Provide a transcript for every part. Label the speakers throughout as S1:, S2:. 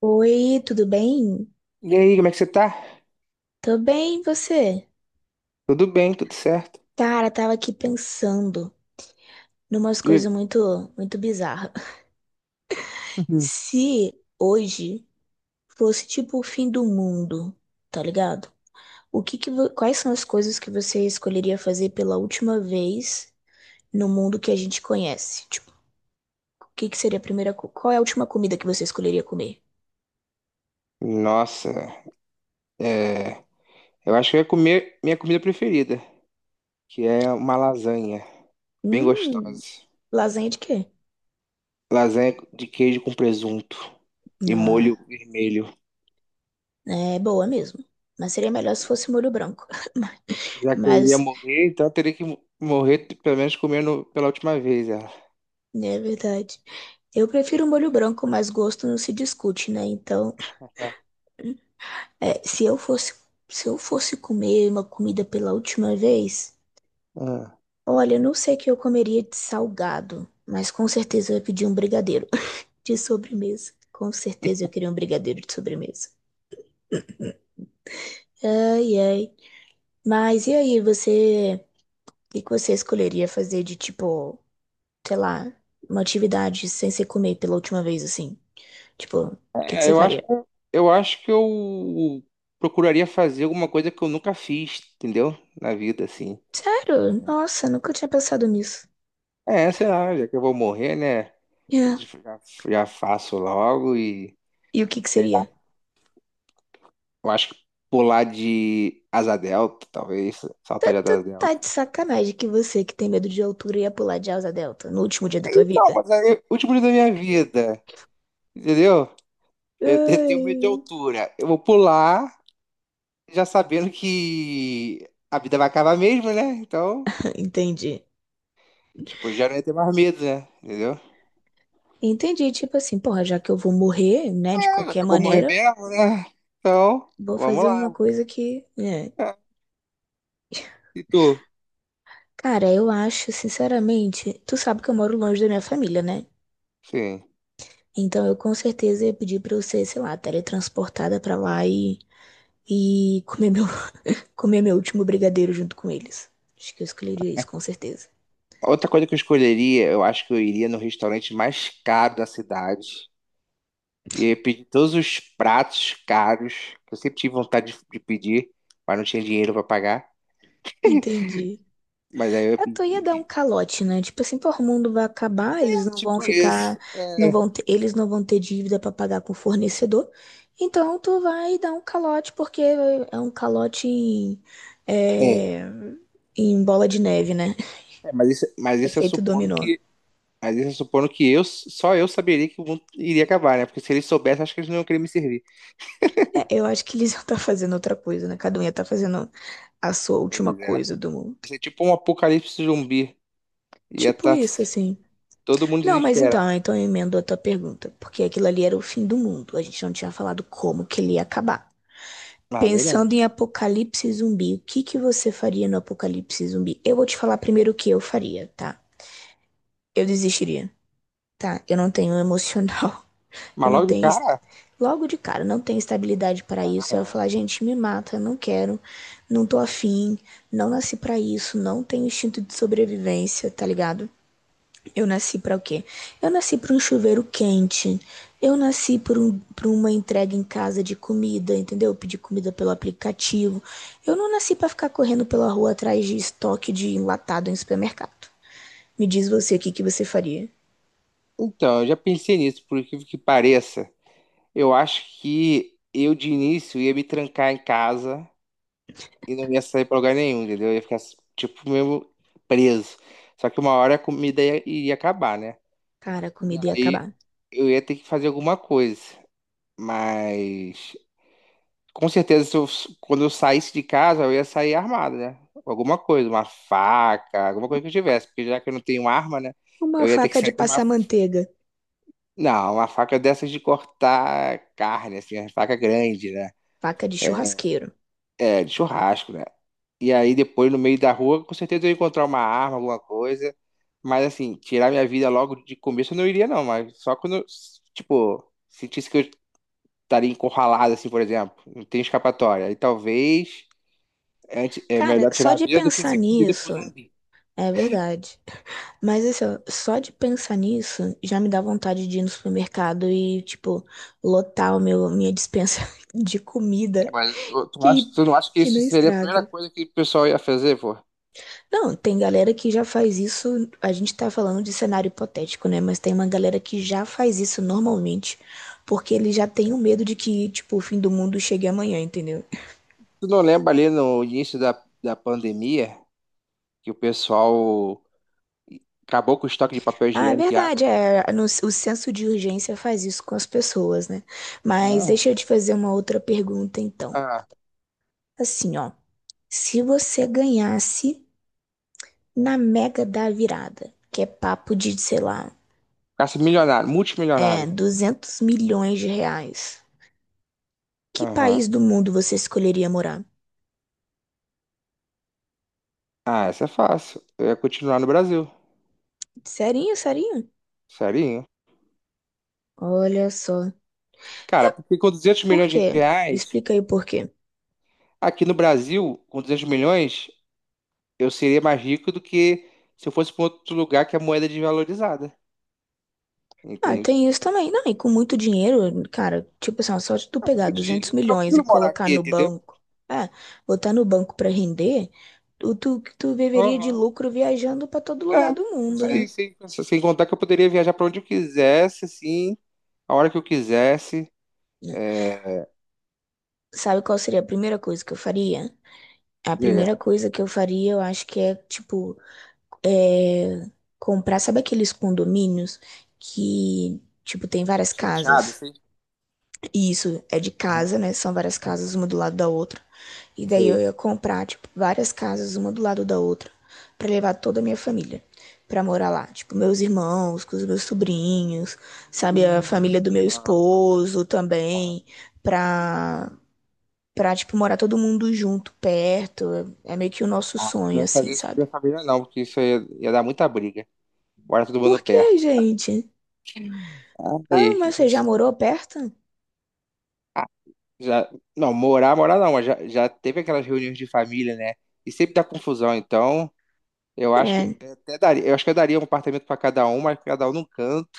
S1: Oi, tudo bem?
S2: E aí, como é que você tá?
S1: Tô bem, e você?
S2: Tudo bem, tudo certo?
S1: Cara, tava aqui pensando numas
S2: Diga.
S1: coisas muito, muito bizarras. Se hoje fosse tipo o fim do mundo, tá ligado? O que que, vo- Quais são as coisas que você escolheria fazer pela última vez no mundo que a gente conhece? Tipo, o que que seria a primeira, co- qual é a última comida que você escolheria comer?
S2: Nossa, é, eu acho que eu ia comer minha comida preferida, que é uma lasanha, bem
S1: Hum,
S2: gostosa.
S1: lasanha de quê?
S2: Lasanha de queijo com presunto e
S1: Não,
S2: molho vermelho.
S1: é boa mesmo. Mas seria melhor se fosse molho branco.
S2: Já que eu iria
S1: Mas,
S2: morrer, então eu teria que morrer pelo menos comendo pela última vez ela.
S1: né, é verdade. Eu prefiro um molho branco, mas gosto não se discute, né? Então,
S2: É.
S1: se eu fosse, se eu fosse comer uma comida pela última vez,
S2: Ah.
S1: olha, eu não sei o que eu comeria de salgado, mas com certeza eu ia pedir um brigadeiro de sobremesa. Com certeza eu queria um brigadeiro de sobremesa. Ai, ai. Mas e aí, o que que você escolheria fazer de tipo, sei lá, uma atividade sem ser comer pela última vez assim? Tipo, o que que
S2: É,
S1: você
S2: eu acho
S1: faria?
S2: que, eu acho que eu procuraria fazer alguma coisa que eu nunca fiz, entendeu? Na vida, assim.
S1: Sério? Nossa, nunca tinha pensado nisso.
S2: É, sei lá, já que eu vou morrer, né?
S1: É.
S2: Já, já faço logo e,
S1: E o que que
S2: sei
S1: seria?
S2: lá, eu acho que pular de asa delta, talvez,
S1: Tá,
S2: saltar de
S1: tá,
S2: asa
S1: tá
S2: delta.
S1: de sacanagem que você que tem medo de altura ia pular de asa delta no último dia da tua
S2: Então,
S1: vida.
S2: mas aí, o último dia da minha vida, entendeu? Eu tenho medo de
S1: Ai.
S2: altura. Eu vou pular já sabendo que a vida vai acabar mesmo, né? Então,
S1: Entendi.
S2: tipo, já não ia ter mais medo, né? Entendeu?
S1: Entendi, tipo assim, porra, já que eu vou morrer, né, de
S2: É, já
S1: qualquer
S2: que eu vou morrer
S1: maneira,
S2: mesmo, né? Então,
S1: vou
S2: vamos
S1: fazer uma
S2: lá.
S1: coisa que, né?
S2: É. E tu?
S1: Cara, eu acho, sinceramente, tu sabe que eu moro longe da minha família, né?
S2: Sim.
S1: Então eu com certeza ia pedir pra eu ser, sei lá, teletransportada pra lá e, e comer meu Comer meu último brigadeiro junto com eles. Acho que eu escolheria isso, com certeza.
S2: Outra coisa que eu escolheria, eu acho que eu iria no restaurante mais caro da cidade. E eu pedi todos os pratos caros, que eu sempre tive vontade de pedir, mas não tinha dinheiro para pagar.
S1: Entendi.
S2: Mas aí eu
S1: Eu tô ia dar um
S2: pedi.
S1: calote, né? Tipo assim, pô, o mundo vai acabar, eles
S2: É,
S1: não vão
S2: tipo
S1: ficar,
S2: isso.
S1: eles não vão ter dívida pra pagar com o fornecedor. Então tu vai dar um calote porque é um calote em,
S2: É,
S1: é, em bola de neve, né?
S2: é, mas isso é
S1: Efeito
S2: supondo
S1: dominó.
S2: que. Mas isso é supondo que eu, só eu saberia que o mundo iria acabar, né? Porque se eles soubessem, acho que eles não iam querer me servir.
S1: É, eu acho que eles iam estar fazendo outra coisa, né? Cada um ia estar fazendo a sua última
S2: Pois é.
S1: coisa do mundo.
S2: Isso é tipo um apocalipse zumbi. Ia
S1: Tipo
S2: estar
S1: isso, assim.
S2: todo mundo
S1: Não, mas então,
S2: desesperado.
S1: eu emendo a tua pergunta, porque aquilo ali era o fim do mundo. A gente não tinha falado como que ele ia acabar.
S2: Ah, é
S1: Pensando em
S2: verdade.
S1: apocalipse zumbi, o que que você faria no apocalipse zumbi? Eu vou te falar primeiro o que eu faria, tá? Eu desistiria, tá? Eu não tenho emocional,
S2: Mas
S1: eu não
S2: logo de
S1: tenho est-
S2: cara?
S1: logo de cara, não tenho estabilidade para
S2: Ah,
S1: isso. Eu ia
S2: não.
S1: falar, gente, me mata, não quero, não tô afim, não nasci para isso, não tenho instinto de sobrevivência, tá ligado? Eu nasci para o quê? Eu nasci para um chuveiro quente. Eu nasci por uma entrega em casa de comida, entendeu? Pedir comida pelo aplicativo. Eu não nasci para ficar correndo pela rua atrás de estoque de enlatado em supermercado. Me diz você o que que você faria?
S2: Então, eu já pensei nisso, por incrível que pareça. Eu acho que eu de início ia me trancar em casa e não ia sair pra lugar nenhum, entendeu? Eu ia ficar tipo mesmo preso. Só que uma hora a comida ia, iria acabar, né?
S1: Cara, a comida ia
S2: Daí
S1: acabar.
S2: eu ia ter que fazer alguma coisa. Mas com certeza se eu- quando eu saísse de casa, eu ia sair armado, né? Alguma coisa, uma faca, alguma coisa que eu tivesse, porque já que eu não tenho arma, né?
S1: Uma
S2: Eu ia ter que
S1: faca de
S2: sair com uma,
S1: passar manteiga,
S2: não, uma faca dessas de cortar carne, assim, uma faca grande, né?
S1: faca de churrasqueiro.
S2: É, de churrasco, né? E aí depois no meio da rua, com certeza eu ia encontrar uma arma, alguma coisa. Mas assim, tirar minha vida logo de começo eu não iria não, mas só quando eu, tipo, sentisse que eu estaria encurralado, assim, por exemplo, não tem escapatória. Aí talvez é
S1: Cara,
S2: melhor
S1: só
S2: tirar a
S1: de
S2: vida do que
S1: pensar
S2: ser comida
S1: nisso,
S2: por zumbi.
S1: é verdade. Mas assim, ó, só de pensar nisso já me dá vontade de ir no supermercado e, tipo, lotar minha dispensa de
S2: É,
S1: comida
S2: mas tu, tu, não acha,
S1: que,
S2: tu não acha que
S1: que
S2: isso
S1: não
S2: seria a primeira
S1: estraga.
S2: coisa que o pessoal ia fazer, pô?
S1: Não, tem galera que já faz isso. A gente tá falando de cenário hipotético, né? Mas tem uma galera que já faz isso normalmente, porque ele já tem o medo de que, tipo, o fim do mundo chegue amanhã, entendeu?
S2: Tu não lembra ali no início da pandemia que o pessoal acabou com o estoque de papel
S1: Ah, é
S2: higiênico e
S1: verdade,
S2: água?
S1: o senso de urgência faz isso com as pessoas, né? Mas deixa eu
S2: Aham.
S1: te fazer uma outra pergunta, então.
S2: Ah,
S1: Assim, ó. Se você ganhasse na Mega da Virada, que é papo de, sei lá,
S2: ficasse milionário, multimilionário.
S1: 200 milhões de reais, que
S2: Aham.
S1: país do mundo você escolheria morar?
S2: Ah, essa é fácil. Eu ia continuar no Brasil.
S1: Serinho, serinho?
S2: Serinho.
S1: Olha só.
S2: Cara, porque com 200
S1: Por
S2: milhões de
S1: quê?
S2: reais,
S1: Explica aí por quê.
S2: aqui no Brasil, com 200 milhões, eu seria mais rico do que se eu fosse para outro lugar que a moeda é desvalorizada.
S1: Ah,
S2: Entende?
S1: tem isso também. Não, e com muito dinheiro, cara, tipo assim, ó, só de tu
S2: Ah, com
S1: pegar
S2: muito
S1: 200
S2: dinheiro, é
S1: milhões e
S2: tranquilo morar
S1: colocar
S2: aqui,
S1: no
S2: entendeu?
S1: banco, é, botar no banco pra render, tu viveria de
S2: Aham.
S1: lucro viajando pra todo
S2: É,
S1: lugar do
S2: isso
S1: mundo, né?
S2: aí. Sem contar que eu poderia viajar para onde eu quisesse, assim, a hora que eu quisesse. É,
S1: Sabe qual seria a primeira coisa que eu faria? A primeira
S2: diga.
S1: coisa que eu faria, eu acho que é, tipo, é, comprar, sabe aqueles condomínios que, tipo, tem várias
S2: Fechado,
S1: casas?
S2: assim?
S1: E isso, é de
S2: Aham,
S1: casa, né? São várias casas,
S2: aham,
S1: uma do lado da outra. E
S2: isso
S1: daí eu
S2: aí.
S1: ia comprar, tipo, várias casas, uma do lado da outra, pra levar toda a minha família pra morar lá. Tipo, meus irmãos, com os meus sobrinhos, sabe? A família do meu
S2: Aham,
S1: esposo
S2: aham.
S1: também, pra tipo, morar todo mundo junto, perto. É meio que o nosso
S2: Ah, eu não
S1: sonho,
S2: ia
S1: assim,
S2: fazer isso com a
S1: sabe?
S2: minha família, não, porque isso ia, ia dar muita briga. Morar todo mundo
S1: Por quê,
S2: perto.
S1: gente?
S2: Ah,
S1: Ah,
S2: aí,
S1: mas você já morou perto?
S2: ah, já, não, morar, não, mas já teve aquelas reuniões de família, né? E sempre dá confusão, então eu acho que
S1: É.
S2: eu até daria, eu acho que eu daria um apartamento para cada um, mas cada um num canto.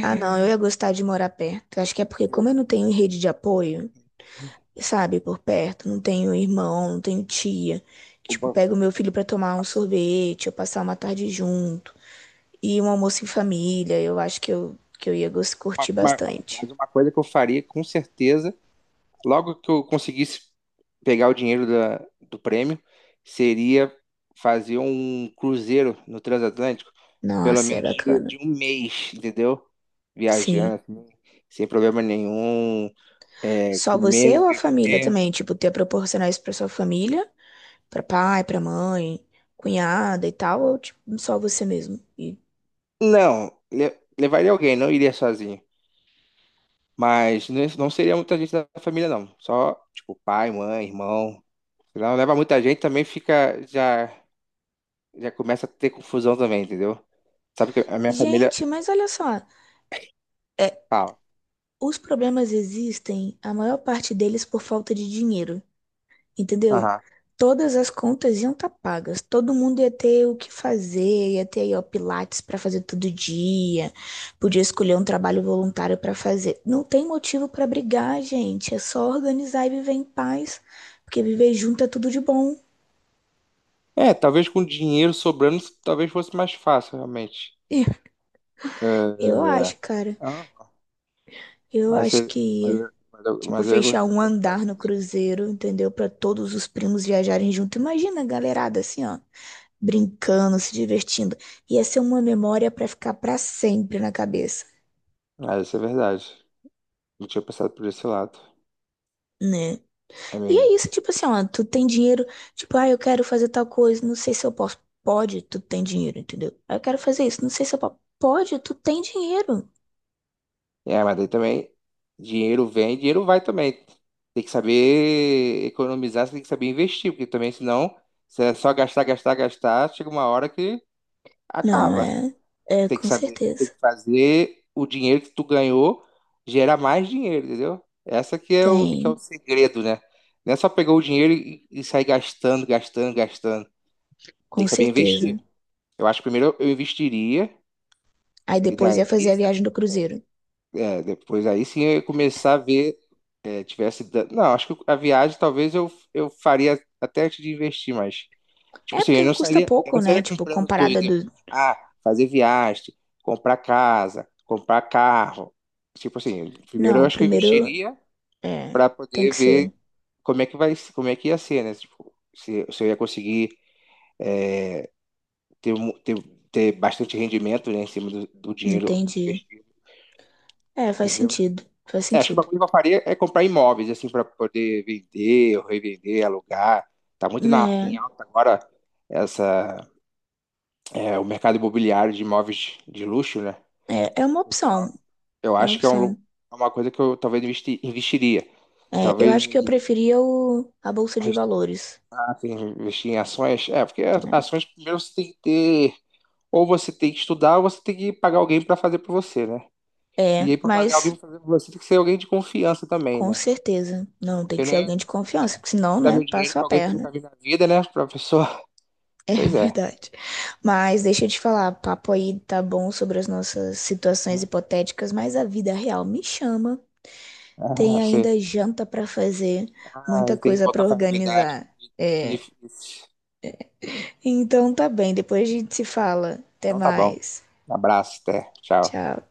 S1: Ah, não, eu ia gostar de morar perto. Acho que é porque,
S2: Eu.
S1: como eu não tenho rede de apoio, sabe, por perto, não tenho irmão, não tenho tia. Tipo,
S2: Uma,
S1: pego meu filho pra tomar um
S2: assim,
S1: sorvete, ou passar uma tarde junto. E um almoço em família, eu acho que que eu ia curtir
S2: uma- uma,
S1: bastante.
S2: mas uma coisa que eu faria, com certeza, logo que eu conseguisse pegar o dinheiro do prêmio, seria fazer um cruzeiro no transatlântico. Pelo
S1: Nossa, é
S2: menos de,
S1: bacana.
S2: de um mês, entendeu? Viajando,
S1: Sim.
S2: assim, sem problema nenhum,
S1: Só você
S2: comendo,
S1: ou a família
S2: bebendo.
S1: também? Tipo, ter proporcionar isso pra sua família? Pra pai, pra mãe, cunhada e tal? Ou, tipo, só você mesmo? E.
S2: Não, levaria alguém, não iria sozinho. Mas não seria muita gente da família, não. Só, tipo, pai, mãe, irmão. Se não leva muita gente, também fica, já, já começa a ter confusão também, entendeu? Sabe que a minha família
S1: Gente, mas olha só. É,
S2: fala.
S1: os problemas existem, a maior parte deles por falta de dinheiro. Entendeu?
S2: Aham.
S1: Todas as contas iam estar pagas, todo mundo ia ter o que fazer, ia ter aí, ó, pilates para fazer todo dia, podia escolher um trabalho voluntário para fazer. Não tem motivo para brigar, gente, é só organizar e viver em paz, porque viver junto é tudo de bom.
S2: É, talvez com dinheiro sobrando, talvez fosse mais fácil, realmente.
S1: Ih, Eu acho, cara,
S2: É.
S1: eu
S2: Mas,
S1: acho
S2: você-
S1: que tipo,
S2: mas eu ia gos-
S1: fechar
S2: eu ia
S1: um
S2: gostar
S1: andar
S2: de
S1: no
S2: fazer.
S1: cruzeiro, entendeu? Para todos os primos viajarem junto. Imagina a galerada assim, ó, brincando, se divertindo. Ia ser uma memória pra ficar pra sempre na cabeça,
S2: Ah, isso é verdade. Não tinha pensado por esse lado.
S1: né?
S2: É
S1: E
S2: mesmo.
S1: é isso, tipo assim, ó, tu tem dinheiro, tipo, ah, eu quero fazer tal coisa, não sei se eu posso. Pode, tu tem dinheiro, entendeu? Ah, eu quero fazer isso, não sei se eu posso. Pode, tu tem dinheiro.
S2: É, mas daí também, dinheiro vem, dinheiro vai também. Tem que saber economizar, você tem que saber investir, porque também, senão, se é só gastar, gastar, gastar, chega uma hora que
S1: Não,
S2: acaba.
S1: é,
S2: Tem que
S1: com
S2: saber, tem
S1: certeza.
S2: que fazer o dinheiro que tu ganhou gerar mais dinheiro, entendeu? Essa que é o
S1: Tem,
S2: segredo, né? Não é só pegar o dinheiro e sair gastando, gastando, gastando. Tem
S1: com
S2: que saber investir.
S1: certeza.
S2: Eu acho que primeiro eu investiria,
S1: Aí
S2: e
S1: depois ia
S2: daí,
S1: fazer a viagem do cruzeiro.
S2: é, depois aí sim eu ia começar a ver, não, acho que a viagem talvez eu faria até antes de investir, mas, tipo
S1: É
S2: assim,
S1: porque custa
S2: eu
S1: pouco,
S2: não
S1: né?
S2: sairia
S1: Tipo,
S2: comprando tudo,
S1: comparada
S2: tipo,
S1: do.
S2: ah, fazer viagem, comprar casa, comprar carro, tipo assim, primeiro eu
S1: Não,
S2: acho que eu
S1: primeiro,
S2: investiria
S1: é,
S2: para
S1: tem
S2: poder
S1: que
S2: ver
S1: ser.
S2: como é que vai, como é que ia ser, né, tipo, se eu ia conseguir ter, mu- ter, ter bastante rendimento, né, em cima do dinheiro
S1: Entendi.
S2: investido,
S1: É, faz
S2: entendeu?
S1: sentido, faz
S2: É, acho que o
S1: sentido.
S2: bagulho que eu faria é comprar imóveis, assim, para poder vender ou revender, alugar. Tá muito em
S1: Né?
S2: alta agora essa, é, o mercado imobiliário de imóveis de luxo, né?
S1: É, é uma
S2: Então,
S1: opção.
S2: eu
S1: É uma
S2: acho que é um,
S1: opção.
S2: é uma coisa que eu talvez investiria.
S1: É, eu
S2: Talvez
S1: acho que eu
S2: em
S1: preferia a bolsa de valores.
S2: restaurante, investir em ações. É, porque
S1: Né?
S2: ações primeiro você tem que ter, ou você tem que estudar, ou você tem que pagar alguém para fazer para você, né? E
S1: É,
S2: aí, para pagar alguém
S1: mas
S2: para fazer para você, tem que ser alguém de confiança também,
S1: com
S2: né?
S1: certeza. Não, tem
S2: Porque
S1: que
S2: não
S1: ser
S2: é,
S1: alguém de confiança, porque senão,
S2: vai dar
S1: né,
S2: meu dinheiro
S1: passa a
S2: pra alguém que eu nunca
S1: perna.
S2: vi na vida, né, professor?
S1: É
S2: Pois é.
S1: verdade. Mas deixa eu te falar, papo aí tá bom sobre as nossas situações hipotéticas, mas a vida real me chama.
S2: Ah,
S1: Tem
S2: sim.
S1: ainda janta pra fazer,
S2: Ah,
S1: muita
S2: tem que
S1: coisa
S2: voltar
S1: pra
S2: pra realidade.
S1: organizar.
S2: Que
S1: É.
S2: difícil.
S1: Então tá bem, depois a gente se fala. Até
S2: Então tá bom.
S1: mais.
S2: Um abraço, até. Tchau.
S1: Tchau.